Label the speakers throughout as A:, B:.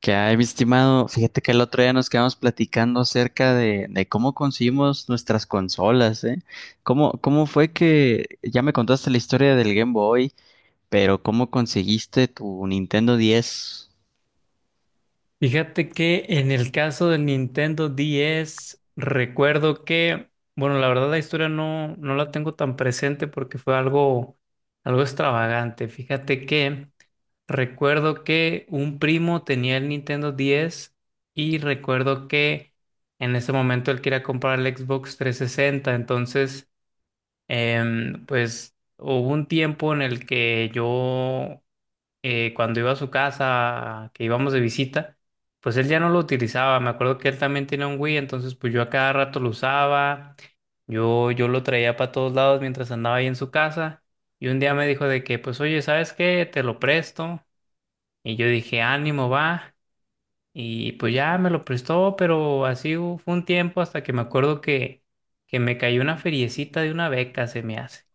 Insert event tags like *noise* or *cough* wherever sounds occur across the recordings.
A: Que hay, mi estimado? Fíjate que el otro día nos quedamos platicando acerca de cómo conseguimos nuestras consolas, ¿eh? ¿Cómo fue que ya me contaste la historia del Game Boy, pero ¿cómo conseguiste tu Nintendo 10?
B: Fíjate que en el caso del Nintendo 10, recuerdo que, bueno, la verdad la historia no la tengo tan presente porque fue algo extravagante. Fíjate que recuerdo que un primo tenía el Nintendo 10 y recuerdo que en ese momento él quería comprar el Xbox 360, entonces, pues hubo un tiempo en el que yo cuando iba a su casa, que íbamos de visita, pues él ya no lo utilizaba. Me acuerdo que él también tenía un Wii, entonces pues yo a cada rato lo usaba. Yo lo traía para todos lados mientras andaba ahí en su casa. Y un día me dijo de que, pues oye, ¿sabes qué? Te lo presto. Y yo dije, ánimo, va. Y pues ya me lo prestó, pero así fue un tiempo hasta que me acuerdo que me cayó una feriecita de una beca, se me hace.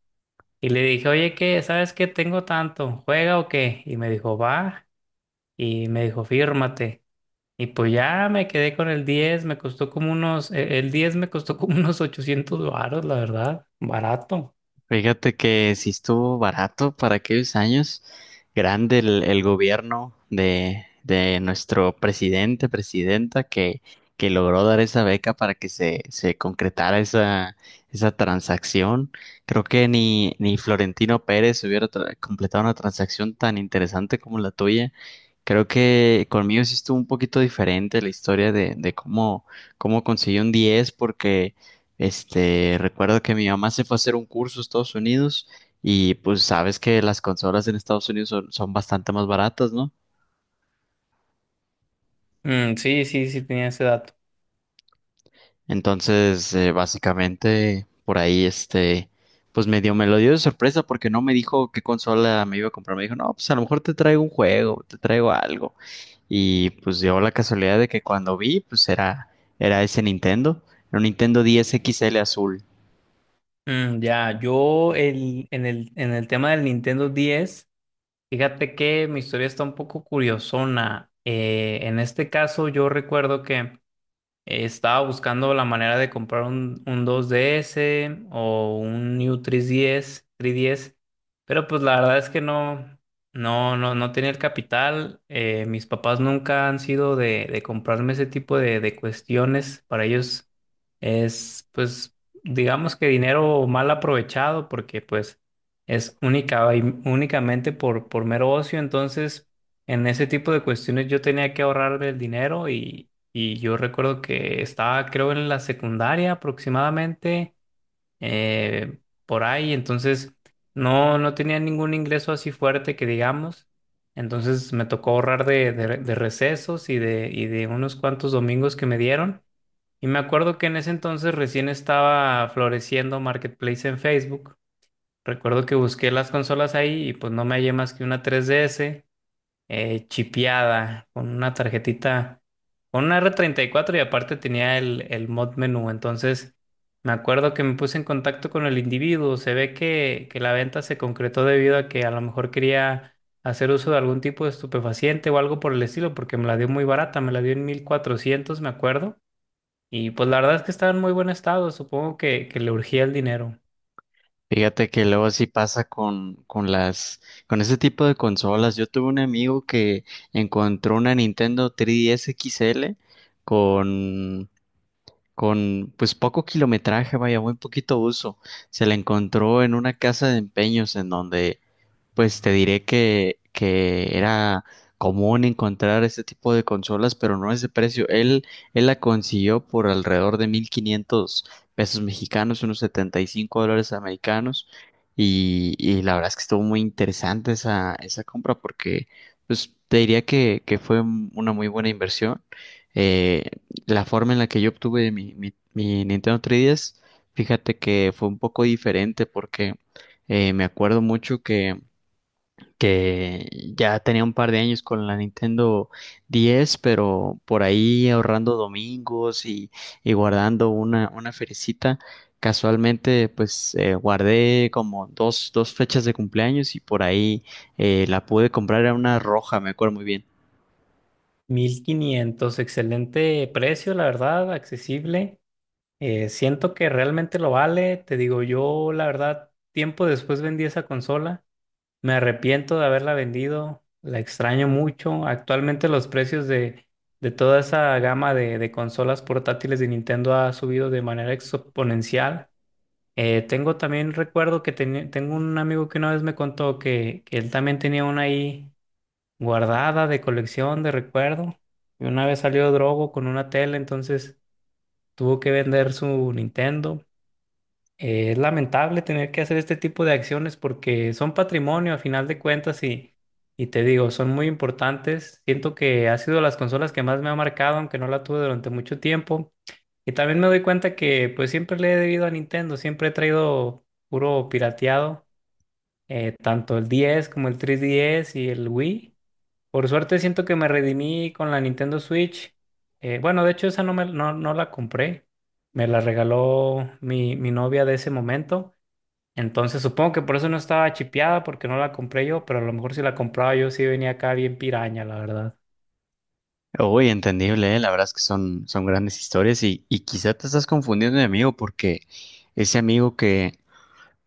B: Y le dije, oye, ¿qué? ¿Sabes qué? Tengo tanto, ¿juega o qué? Y me dijo, va, y me dijo, fírmate. Y pues ya me quedé con el diez, me costó como unos, el diez me costó como *laughs* unos 800 varos, la verdad, barato.
A: Fíjate que sí estuvo barato para aquellos años. Grande el gobierno de nuestro presidente, presidenta, que logró dar esa beca para que se concretara esa transacción. Creo que ni Florentino Pérez hubiera completado una transacción tan interesante como la tuya. Creo que conmigo sí estuvo un poquito diferente la historia de cómo, cómo conseguí un 10 porque recuerdo que mi mamá se fue a hacer un curso a Estados Unidos y pues sabes que las consolas en Estados Unidos son, son bastante más baratas, ¿no?
B: Mm, sí, sí, sí, tenía ese dato.
A: Entonces, básicamente por ahí, pues medio me lo dio de sorpresa porque no me dijo qué consola me iba a comprar. Me dijo, no, pues a lo mejor te traigo un juego, te traigo algo. Y pues dio la casualidad de que cuando vi, pues era ese Nintendo, era un Nintendo 10 XL azul.
B: Mm, ya, en el tema del Nintendo diez, fíjate que mi historia está un poco curiosona. En este caso, yo recuerdo que estaba buscando la manera de comprar un 2DS o un New 3DS, pero pues la verdad es que no tenía el capital. Mis papás nunca han sido de comprarme ese tipo de cuestiones. Para ellos es, pues, digamos que dinero mal aprovechado porque pues es única y únicamente por mero ocio. Entonces, en ese tipo de cuestiones yo tenía que ahorrarme el dinero, y yo recuerdo que estaba, creo, en la secundaria aproximadamente, eh, por ahí, entonces no tenía ningún ingreso así fuerte que digamos. Entonces me tocó ahorrar de recesos y de unos cuantos domingos que me dieron. Y me acuerdo que en ese entonces recién estaba floreciendo Marketplace en Facebook. Recuerdo que busqué las consolas ahí y pues no me hallé más que una 3DS chipeada, con una tarjetita, con una r 34, y aparte tenía el mod menú. Entonces, me acuerdo que me puse en contacto con el individuo. Se ve que la venta se concretó debido a que a lo mejor quería hacer uso de algún tipo de estupefaciente o algo por el estilo, porque me la dio muy barata, me la dio en 1,400, me acuerdo. Y pues la verdad es que estaba en muy buen estado, supongo que le urgía el dinero.
A: Fíjate que luego sí pasa con con ese tipo de consolas. Yo tuve un amigo que encontró una Nintendo 3DS XL con, con pues poco kilometraje, vaya, muy poquito uso. Se la encontró en una casa de empeños en donde pues te diré que era común encontrar este tipo de consolas, pero no a ese precio. Él la consiguió por alrededor de 1500 pesos mexicanos, unos 75 dólares americanos. Y la verdad es que estuvo muy interesante esa compra porque pues, te diría que fue una muy buena inversión. Eh, la forma en la que yo obtuve mi Nintendo 3DS, fíjate que fue un poco diferente porque me acuerdo mucho que ya tenía un par de años con la Nintendo diez, pero por ahí ahorrando domingos y guardando una feriecita, casualmente pues guardé como dos fechas de cumpleaños y por ahí la pude comprar, era una roja, me acuerdo muy bien.
B: 1,500, excelente precio, la verdad, accesible. Siento que realmente lo vale. Te digo, yo la verdad, tiempo después vendí esa consola. Me arrepiento de haberla vendido. La extraño mucho. Actualmente los precios de toda esa gama de consolas portátiles de Nintendo ha subido de manera exponencial. Tengo también recuerdo que tengo un amigo que una vez me contó que él también tenía una ahí guardada de colección, de recuerdo. Y una vez salió Drogo con una tele, entonces tuvo que vender su Nintendo. Es lamentable tener que hacer este tipo de acciones porque son patrimonio a final de cuentas, y te digo, son muy importantes. Siento que ha sido las consolas que más me ha marcado, aunque no la tuve durante mucho tiempo. Y también me doy cuenta que pues siempre le he debido a Nintendo, siempre he traído puro pirateado, tanto el 10 como el 3DS y el Wii. Por suerte siento que me redimí con la Nintendo Switch. Bueno, de hecho esa no la compré, me la regaló mi novia de ese momento. Entonces supongo que por eso no estaba chipeada, porque no la compré yo, pero a lo mejor si la compraba yo sí venía acá bien piraña, la verdad.
A: Uy, entendible, ¿eh? La verdad es que son, son grandes historias y quizá te estás confundiendo de amigo porque ese amigo que,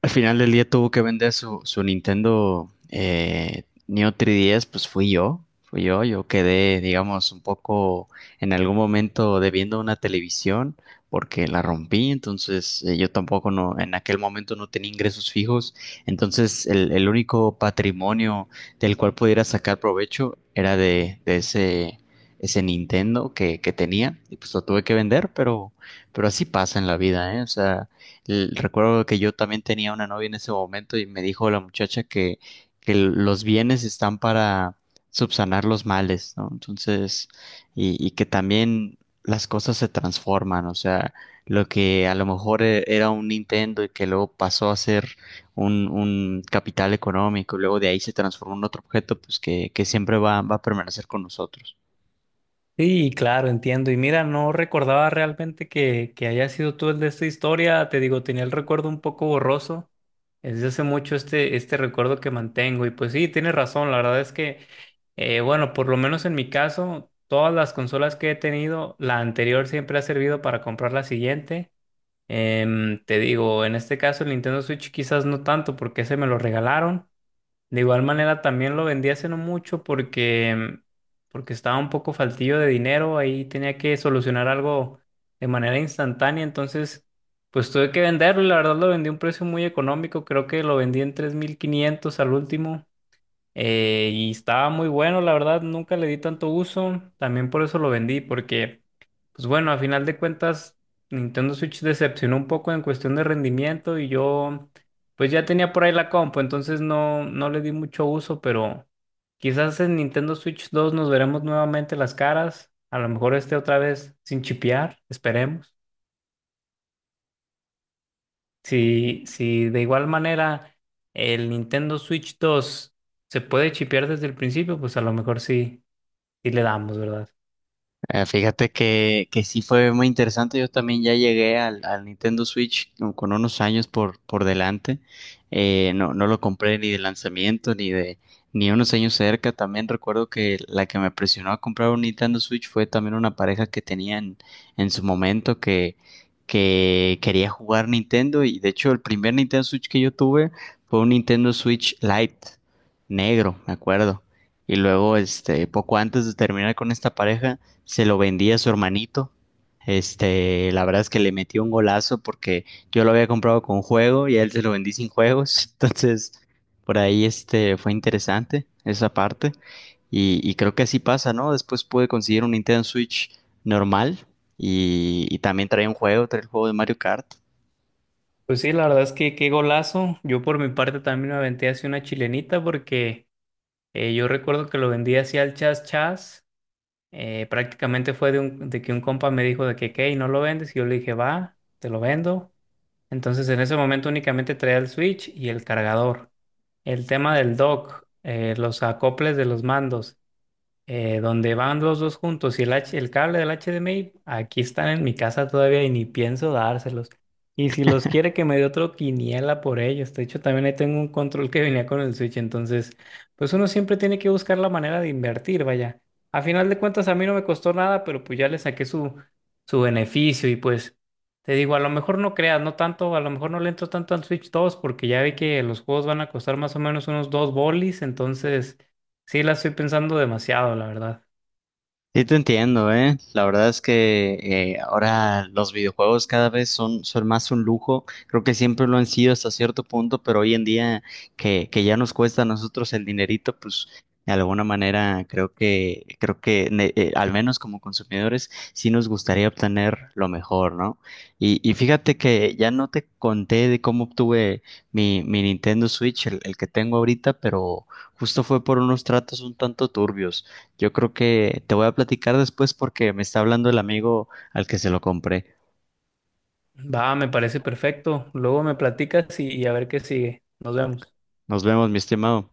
A: al final del día tuvo que vender su Nintendo, Neo 3DS, pues fui yo, yo quedé, digamos, un poco, en algún momento, debiendo una televisión porque la rompí. Entonces, yo tampoco no, en aquel momento no tenía ingresos fijos, entonces el único patrimonio del cual pudiera sacar provecho era de ese Nintendo que tenía, y pues lo tuve que vender, pero así pasa en la vida, ¿eh? O sea, recuerdo que yo también tenía una novia en ese momento y me dijo la muchacha que los bienes están para subsanar los males, ¿no? Entonces, y que también las cosas se transforman, o sea, lo que a lo mejor era un Nintendo y que luego pasó a ser un capital económico, y luego de ahí se transformó en otro objeto, pues que siempre va a permanecer con nosotros.
B: Sí, claro, entiendo. Y mira, no recordaba realmente que haya sido tú el de esta historia. Te digo, tenía el recuerdo un poco borroso. Es Desde hace mucho este recuerdo que mantengo. Y pues sí, tienes razón. La verdad es que, bueno, por lo menos en mi caso, todas las consolas que he tenido, la anterior siempre ha servido para comprar la siguiente. Te digo, en este caso el Nintendo Switch quizás no tanto porque se me lo regalaron. De igual manera también lo vendí hace no mucho porque estaba un poco faltillo de dinero, ahí tenía que solucionar algo de manera instantánea, entonces pues tuve que venderlo, y la verdad lo vendí a un precio muy económico, creo que lo vendí en 3,500 al último. Y estaba muy bueno, la verdad, nunca le di tanto uso. También por eso lo vendí, porque, pues bueno, a final de cuentas, Nintendo Switch decepcionó un poco en cuestión de rendimiento, y yo, pues ya tenía por ahí la compu, entonces no le di mucho uso, pero quizás en Nintendo Switch 2 nos veremos nuevamente las caras. A lo mejor esté otra vez sin chipear, esperemos. Si de igual manera el Nintendo Switch 2 se puede chipear desde el principio, pues a lo mejor sí. Y le damos, ¿verdad?
A: Fíjate que sí fue muy interesante. Yo también ya llegué al Nintendo Switch con unos años por delante. No lo compré ni de lanzamiento ni de, ni unos años cerca. También recuerdo que la que me presionó a comprar un Nintendo Switch fue también una pareja que tenía en su momento que quería jugar Nintendo. Y de hecho, el primer Nintendo Switch que yo tuve fue un Nintendo Switch Lite, negro, me acuerdo. Y luego, poco antes de terminar con esta pareja se lo vendí a su hermanito. Este, la verdad es que le metí un golazo porque yo lo había comprado con juego y a él se lo vendí sin juegos. *laughs* Entonces, por ahí este fue interesante esa parte. Y creo que así pasa, ¿no? Después pude conseguir un Nintendo Switch normal y también trae un juego, trae el juego de Mario Kart.
B: Pues sí, la verdad es que qué golazo. Yo por mi parte también me aventé así una chilenita porque yo recuerdo que lo vendí así al chas chas. Prácticamente fue de que un compa me dijo de que, ¿qué? ¿Y no lo vendes? Y yo le dije, va, te lo vendo. Entonces en ese momento únicamente traía el switch y el cargador. El tema del dock, los acoples de los mandos, donde van los dos juntos, y el cable del HDMI, aquí están en mi casa todavía y ni pienso dárselos. Y si los quiere que me dé otro quiniela por ellos. De hecho, también ahí tengo un control que venía con el Switch. Entonces, pues uno siempre tiene que buscar la manera de invertir, vaya. A final de cuentas, a mí no me costó nada, pero pues ya le saqué su beneficio. Y pues, te digo, a lo mejor no creas, no tanto, a lo mejor no le entro tanto al Switch 2 porque ya vi que los juegos van a costar más o menos unos dos bolis. Entonces... Sí, la estoy pensando demasiado, la verdad.
A: Sí, te entiendo, ¿eh? La verdad es que, ahora los videojuegos cada vez son, son más un lujo. Creo que siempre lo han sido hasta cierto punto, pero hoy en día que ya nos cuesta a nosotros el dinerito, pues de alguna manera creo que, al menos como consumidores, sí nos gustaría obtener lo mejor, ¿no? Y fíjate que ya no te conté de cómo obtuve mi Nintendo Switch, el que tengo ahorita, pero justo fue por unos tratos un tanto turbios. Yo creo que te voy a platicar después porque me está hablando el amigo al que se lo compré.
B: Va, me parece perfecto. Luego me platicas y a ver qué sigue. Nos vemos.
A: Nos vemos, mi estimado.